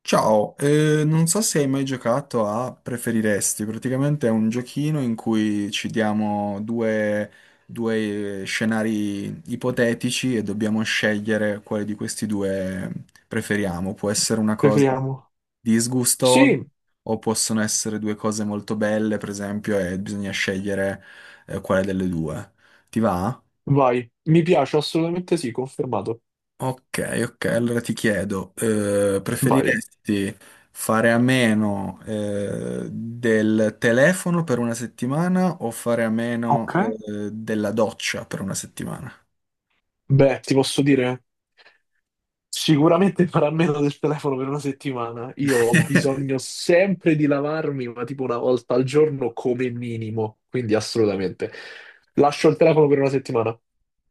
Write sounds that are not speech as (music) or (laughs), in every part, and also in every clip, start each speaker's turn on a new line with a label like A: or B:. A: Ciao, non so se hai mai giocato a Preferiresti. Praticamente è un giochino in cui ci diamo due scenari ipotetici e dobbiamo scegliere quale di questi due preferiamo. Può essere una cosa
B: Preferiamo?
A: disgustosa,
B: Sì,
A: o possono essere due cose molto belle, per esempio, e bisogna scegliere quale delle due. Ti va?
B: vai. Mi piace, assolutamente sì, confermato.
A: Ok, ok, allora ti chiedo,
B: Vai.
A: preferiresti fare a meno, del telefono per una settimana, o fare a meno,
B: Ok.
A: della doccia per una settimana?
B: Beh, ti posso dire, sicuramente farà meno del telefono per una settimana. Io ho bisogno
A: (laughs)
B: sempre di lavarmi, ma tipo una volta al giorno come minimo, quindi assolutamente. Lascio il telefono per una settimana.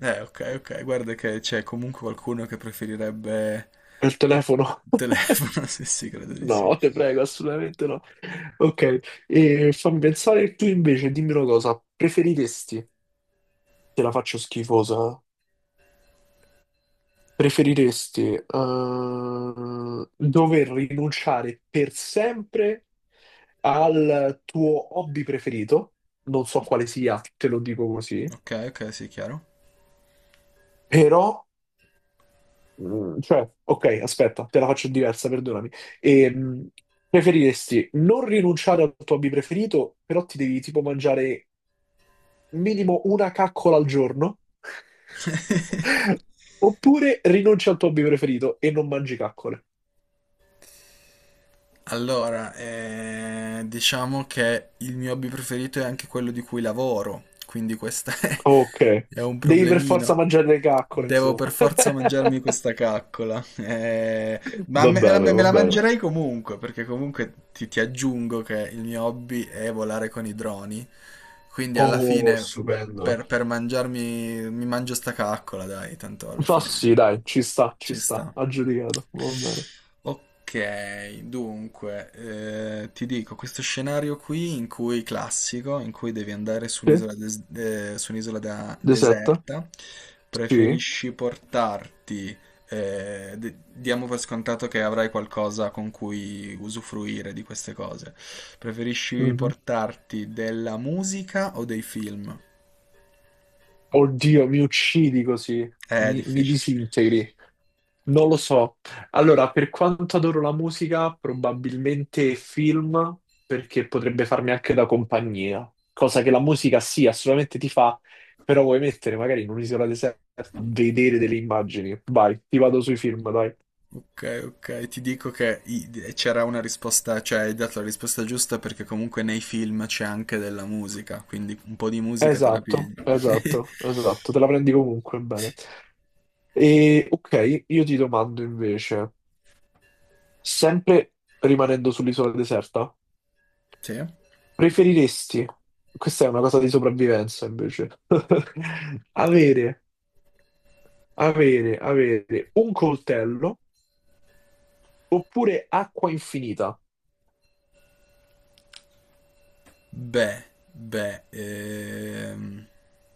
A: Ok, ok, guarda che c'è comunque qualcuno che preferirebbe
B: Il telefono?
A: il
B: (laughs)
A: telefono, (laughs) sì, sì, credo di sì.
B: No, te prego, assolutamente no. Ok, e fammi pensare tu invece, dimmi una cosa, preferiresti, te la faccio schifosa. Preferiresti dover rinunciare per sempre al tuo hobby preferito? Non so quale sia, te lo dico così,
A: Ok, ok, sì, chiaro.
B: però, cioè, ok, aspetta, te la faccio diversa, perdonami. Ehm, preferiresti non rinunciare al tuo hobby preferito, però ti devi tipo mangiare minimo una caccola al giorno?
A: (laughs)
B: (laughs) Oppure rinunci al tuo hobby preferito e non mangi caccole?
A: Allora, diciamo che il mio hobby preferito è anche quello di cui lavoro, quindi questo (laughs)
B: Ok,
A: è un
B: devi per forza
A: problemino.
B: mangiare le caccole,
A: Devo
B: insomma.
A: per forza
B: (laughs)
A: mangiarmi questa caccola. Ma
B: Va
A: me, me la,
B: bene,
A: me
B: va
A: la
B: bene.
A: mangerei comunque, perché comunque ti aggiungo che il mio hobby è volare con i droni, quindi alla
B: Oh,
A: fine
B: stupendo.
A: mi mangio sta caccola, dai, tanto alla
B: Ma
A: fine
B: sì, dai, ci
A: ci
B: sta,
A: sta.
B: aggiudicato, va bene.
A: Ok, dunque, ti dico, questo scenario qui in cui classico, in cui devi andare
B: Sì?
A: su
B: Deserta?
A: deserta.
B: Sì.
A: Preferisci portarti, diamo per scontato che avrai qualcosa con cui usufruire di queste cose. Preferisci
B: Mhm.
A: portarti della musica o dei film?
B: Oddio, mi uccidi così,
A: È
B: mi
A: difficile.
B: disintegri. Non lo so. Allora, per quanto adoro la musica, probabilmente film, perché potrebbe farmi anche da compagnia, cosa che la musica sì, assolutamente ti fa, però vuoi mettere magari in un'isola deserta, a vedere delle immagini. Vai, ti vado sui film, dai.
A: Ok, ok, ti dico che i- c'era una risposta, cioè hai dato la risposta giusta, perché comunque nei film c'è anche della musica, quindi un po' di musica te la pigli.
B: Esatto,
A: (laughs)
B: esatto, esatto, te la prendi comunque bene. E ok, io ti domando invece, sempre rimanendo sull'isola deserta,
A: Sì?
B: preferiresti, questa è una cosa di sopravvivenza invece, (laughs) avere, avere un coltello oppure acqua infinita?
A: Beh, beh, ehm,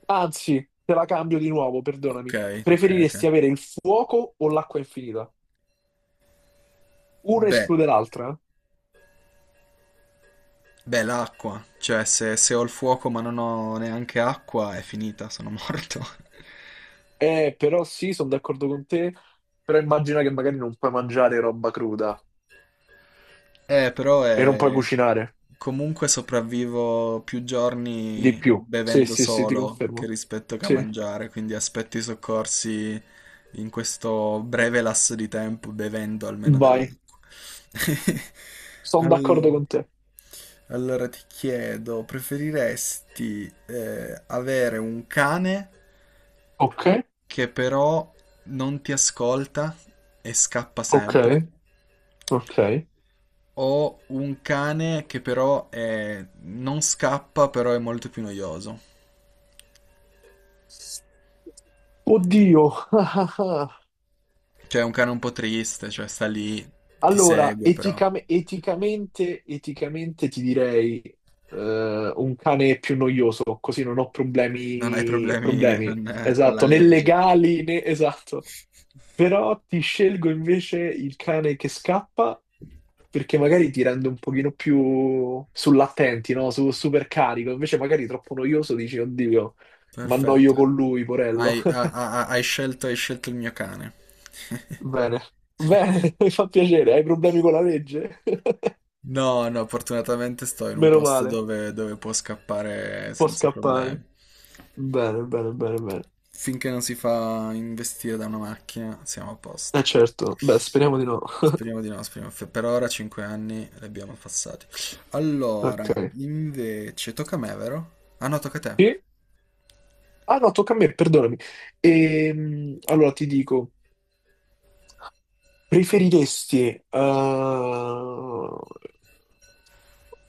B: Anzi, te la cambio di nuovo,
A: ok,
B: perdonami.
A: ok, ok.
B: Preferiresti avere il fuoco o l'acqua infinita? Una
A: Beh.
B: esclude l'altra?
A: Beh, l'acqua, cioè se, se ho il fuoco ma non ho neanche acqua è finita, sono morto. (laughs)
B: Eh, però sì, sono d'accordo con te, però immagina che magari non puoi mangiare roba cruda
A: Eh, però
B: e non puoi
A: è...
B: cucinare
A: comunque sopravvivo più
B: di
A: giorni
B: più. Sì,
A: bevendo,
B: sì, sì, ti
A: solo che
B: confermo.
A: rispetto che a
B: Sì,
A: mangiare, quindi aspetto i soccorsi in questo breve lasso di tempo bevendo almeno
B: vai,
A: dell'acqua. (laughs)
B: sono d'accordo
A: Allora,
B: con te.
A: ti chiedo, preferiresti avere un cane
B: Ok.
A: che però non ti ascolta e scappa
B: Ok,
A: sempre?
B: ok.
A: Ho un cane che però è- non scappa, però è molto più noioso.
B: Oddio. (laughs)
A: Cioè, è un cane un po' triste, cioè sta lì, ti
B: Allora,
A: segue, però
B: eticamente ti direi un cane è più noioso, così non ho
A: non hai
B: problemi,
A: problemi
B: problemi,
A: con la
B: esatto, né
A: legge.
B: legali né esatto. Però ti scelgo invece il cane che scappa perché magari ti rende un pochino più sull'attenti, no? Su, super carico, invece magari troppo noioso dici, oddio, mi annoio
A: Perfetto.
B: con lui, porello.
A: Hai, ha- ha- ha- hai scelto il mio cane. (laughs)
B: Bene, bene, (laughs) mi fa piacere. Hai problemi con la legge? (laughs)
A: No, no, fortunatamente sto in un
B: Meno
A: posto
B: male,
A: dove, dove può scappare
B: può
A: senza
B: scappare.
A: problemi.
B: Bene, bene, bene, bene.
A: Finché non si fa investire da una macchina, siamo a
B: Eh
A: posto.
B: certo, beh, speriamo di no.
A: Speriamo di no, speriamo. Per ora 5 anni li abbiamo passati. Allora,
B: Ok.
A: invece, tocca a me, vero? Ah no, tocca a te.
B: Sì? Ah no, tocca a me, perdonami. Allora ti dico, preferiresti. eh,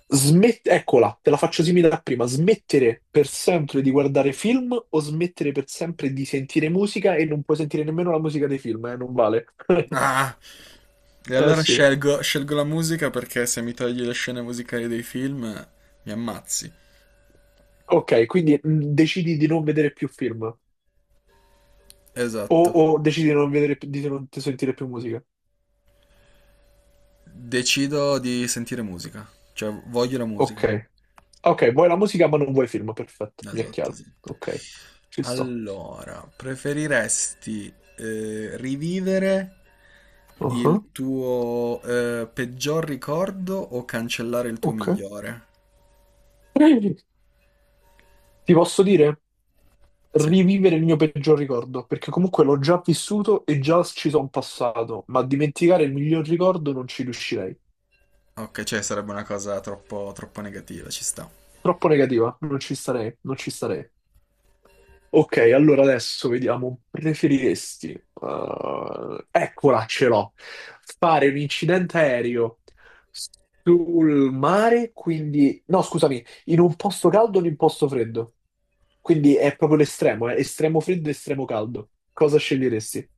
B: Smet- Eccola, te la faccio simile a prima. Smettere per sempre di guardare film o smettere per sempre di sentire musica e non puoi sentire nemmeno la musica dei film, eh? Non vale. (laughs)
A: Ah, e
B: Eh
A: allora
B: sì.
A: scelgo, scelgo la musica, perché se mi togli le scene musicali dei film, mi ammazzi.
B: Ok, quindi decidi di non vedere più film o,
A: Esatto.
B: o decidi di non vedere, di non sentire più musica.
A: Decido di sentire musica, cioè voglio la musica.
B: Ok, ok, vuoi la musica ma non vuoi film, perfetto, mi è
A: Esatto,
B: chiaro.
A: esatto.
B: Ok, ci sto.
A: Allora, preferiresti rivivere
B: Uh-huh,
A: il tuo peggior ricordo o cancellare il tuo
B: ok.
A: migliore?
B: Ti posso dire,
A: Sì.
B: rivivere il mio peggior ricordo, perché comunque l'ho già vissuto e già ci sono passato, ma dimenticare il miglior ricordo non ci riuscirei.
A: Ok, cioè sarebbe una cosa troppo, troppo negativa, ci sta.
B: Troppo negativa, non ci starei, non ci starei. Ok, allora adesso vediamo. Preferiresti, eccola, ce l'ho. Fare un incidente aereo sul mare, quindi, no, scusami, in un posto caldo o in un posto freddo? Quindi è proprio l'estremo, estremo freddo e estremo caldo. Cosa sceglieresti?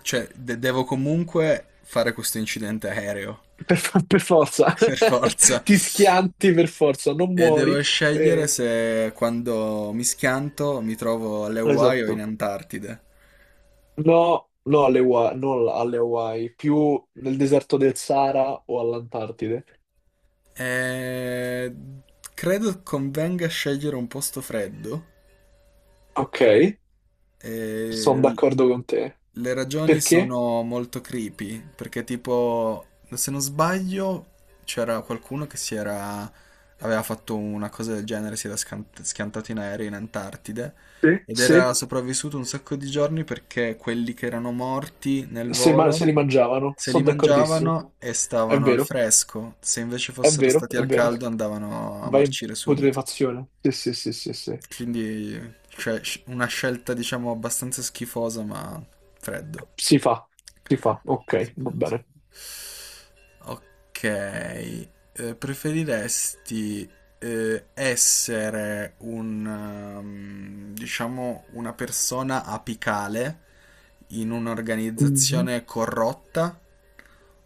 A: Cioè, devo comunque fare questo incidente aereo,
B: Per forza,
A: (laughs) per forza.
B: (laughs) ti schianti per forza, non
A: E
B: muori.
A: devo scegliere
B: eh,
A: se, quando mi schianto, mi trovo alle Hawaii o in
B: Esatto.
A: Antartide.
B: No, no alle Hawaii, non alle Hawaii, più nel deserto del Sahara o all'Antartide.
A: E... credo convenga scegliere un posto freddo.
B: Ok,
A: E...
B: sono
A: l-
B: d'accordo con te.
A: Le ragioni
B: Perché?
A: sono molto creepy, perché tipo, se non sbaglio, c'era qualcuno che si era... aveva fatto una cosa del genere, si era schiantato in aereo in Antartide
B: Sì.
A: ed era
B: Se,
A: sopravvissuto un sacco di giorni, perché quelli che erano morti nel
B: se, ma- se
A: volo
B: li mangiavano,
A: se li
B: sono d'accordissimo.
A: mangiavano e
B: È
A: stavano al
B: vero,
A: fresco; se invece
B: è
A: fossero
B: vero,
A: stati
B: è
A: al
B: vero.
A: caldo andavano a
B: Vai in
A: marcire subito.
B: putrefazione. Sì, sì, sì, sì, sì.
A: Quindi, cioè, una scelta diciamo abbastanza schifosa, ma freddo.
B: Si fa, si fa. Ok, va
A: Sentiamo,
B: bene.
A: sentiamo. Ok, preferiresti essere un, diciamo, una persona apicale in
B: Mhm.
A: un'organizzazione corrotta,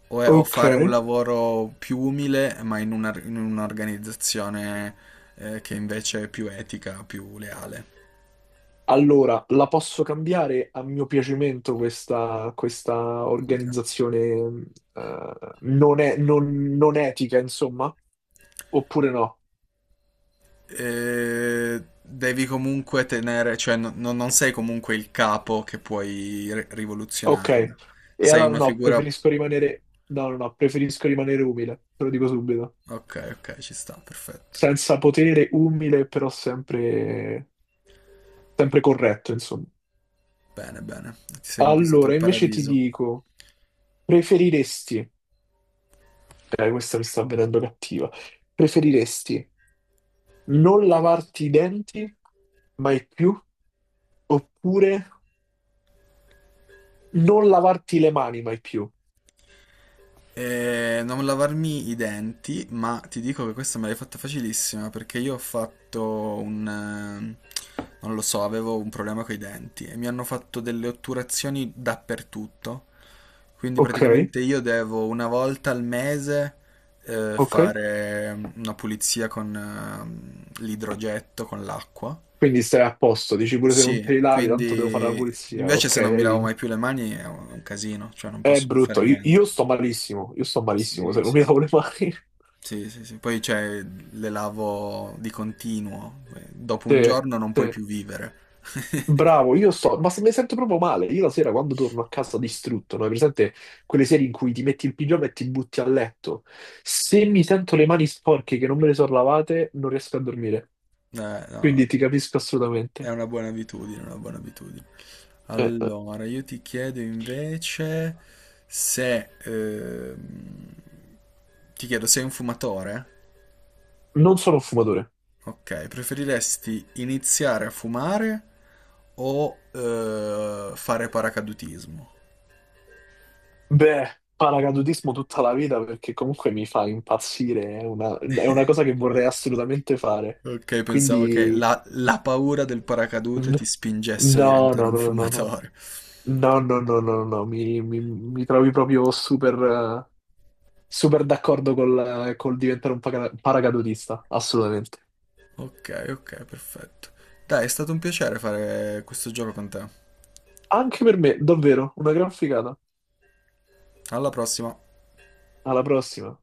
A: o
B: Ok.
A: fare un lavoro più umile ma in un'organizzazione che invece è più etica, più leale?
B: Allora, la posso cambiare a mio piacimento questa organizzazione non, è- non- non etica, insomma? Oppure no?
A: Devi comunque tenere, cioè non sei comunque il capo che puoi
B: Ok.
A: rivoluzionarla.
B: E
A: Sei
B: allora
A: una
B: no,
A: figura...
B: preferisco rimanere. No, no, no, preferisco rimanere umile, te lo dico subito.
A: ok, ok, ci sta, perfetto.
B: Senza potere, umile, però sempre, sempre corretto, insomma.
A: Bene, bene. Ti sei conquistato
B: Allora,
A: il
B: invece ti
A: paradiso.
B: dico, preferiresti. Questa mi sta venendo cattiva. Preferiresti non lavarti i denti mai più, oppure non lavarti le mani mai più.
A: Non lavarmi i denti, ma ti dico che questa me l'hai fatta facilissima, perché io ho fatto un... non lo so, avevo un problema con i denti e mi hanno fatto delle otturazioni dappertutto. Quindi
B: Ok,
A: praticamente io devo una volta al mese
B: ok.
A: fare una pulizia con l'idrogetto, con l'acqua.
B: Quindi stai a posto, dici pure se non te li
A: Sì,
B: lavi, tanto devo fare la
A: quindi
B: pulizia.
A: invece
B: Ok,
A: se non mi
B: hai
A: lavo mai
B: vinto.
A: più le mani è un casino, cioè non
B: È
A: posso più fare
B: brutto, io,
A: niente.
B: io sto malissimo, io sto malissimo
A: Sì,
B: se non
A: sì,
B: mi
A: sì.
B: lavo le mani. (laughs)
A: Sì, sì, sì. Poi cioè, le lavo di continuo. Dopo
B: Sì,
A: un giorno non puoi
B: sì.
A: più vivere. (laughs)
B: Bravo, io sto, ma mi sento proprio male. Io la sera quando torno a casa distrutto, no? Hai presente quelle sere in cui ti metti il pigiama e ti butti a letto? Se mi sento le mani sporche che non me le sono lavate, non riesco a dormire.
A: No,
B: Quindi ti capisco
A: è
B: assolutamente.
A: una buona abitudine, una buona abitudine.
B: Eh, eh,
A: Allora, io ti chiedo invece se... ti chiedo, sei un fumatore?
B: non sono un fumatore.
A: Ok, preferiresti iniziare a fumare o fare paracadutismo?
B: Beh, paracadutismo tutta la vita perché comunque mi fa impazzire, è una
A: (laughs)
B: cosa che vorrei assolutamente fare.
A: Ok, pensavo che
B: Quindi
A: la paura del paracadute ti spingesse a
B: no, no,
A: diventare
B: no,
A: un
B: no, no, no,
A: fumatore.
B: no, no, no, no, no, mi trovi proprio eh, super d'accordo col diventare un paracadutista, assolutamente.
A: Ok, ok, perfetto. Dai, è stato un piacere fare questo gioco con te.
B: Anche per me, davvero, una gran figata.
A: Alla prossima.
B: Alla prossima.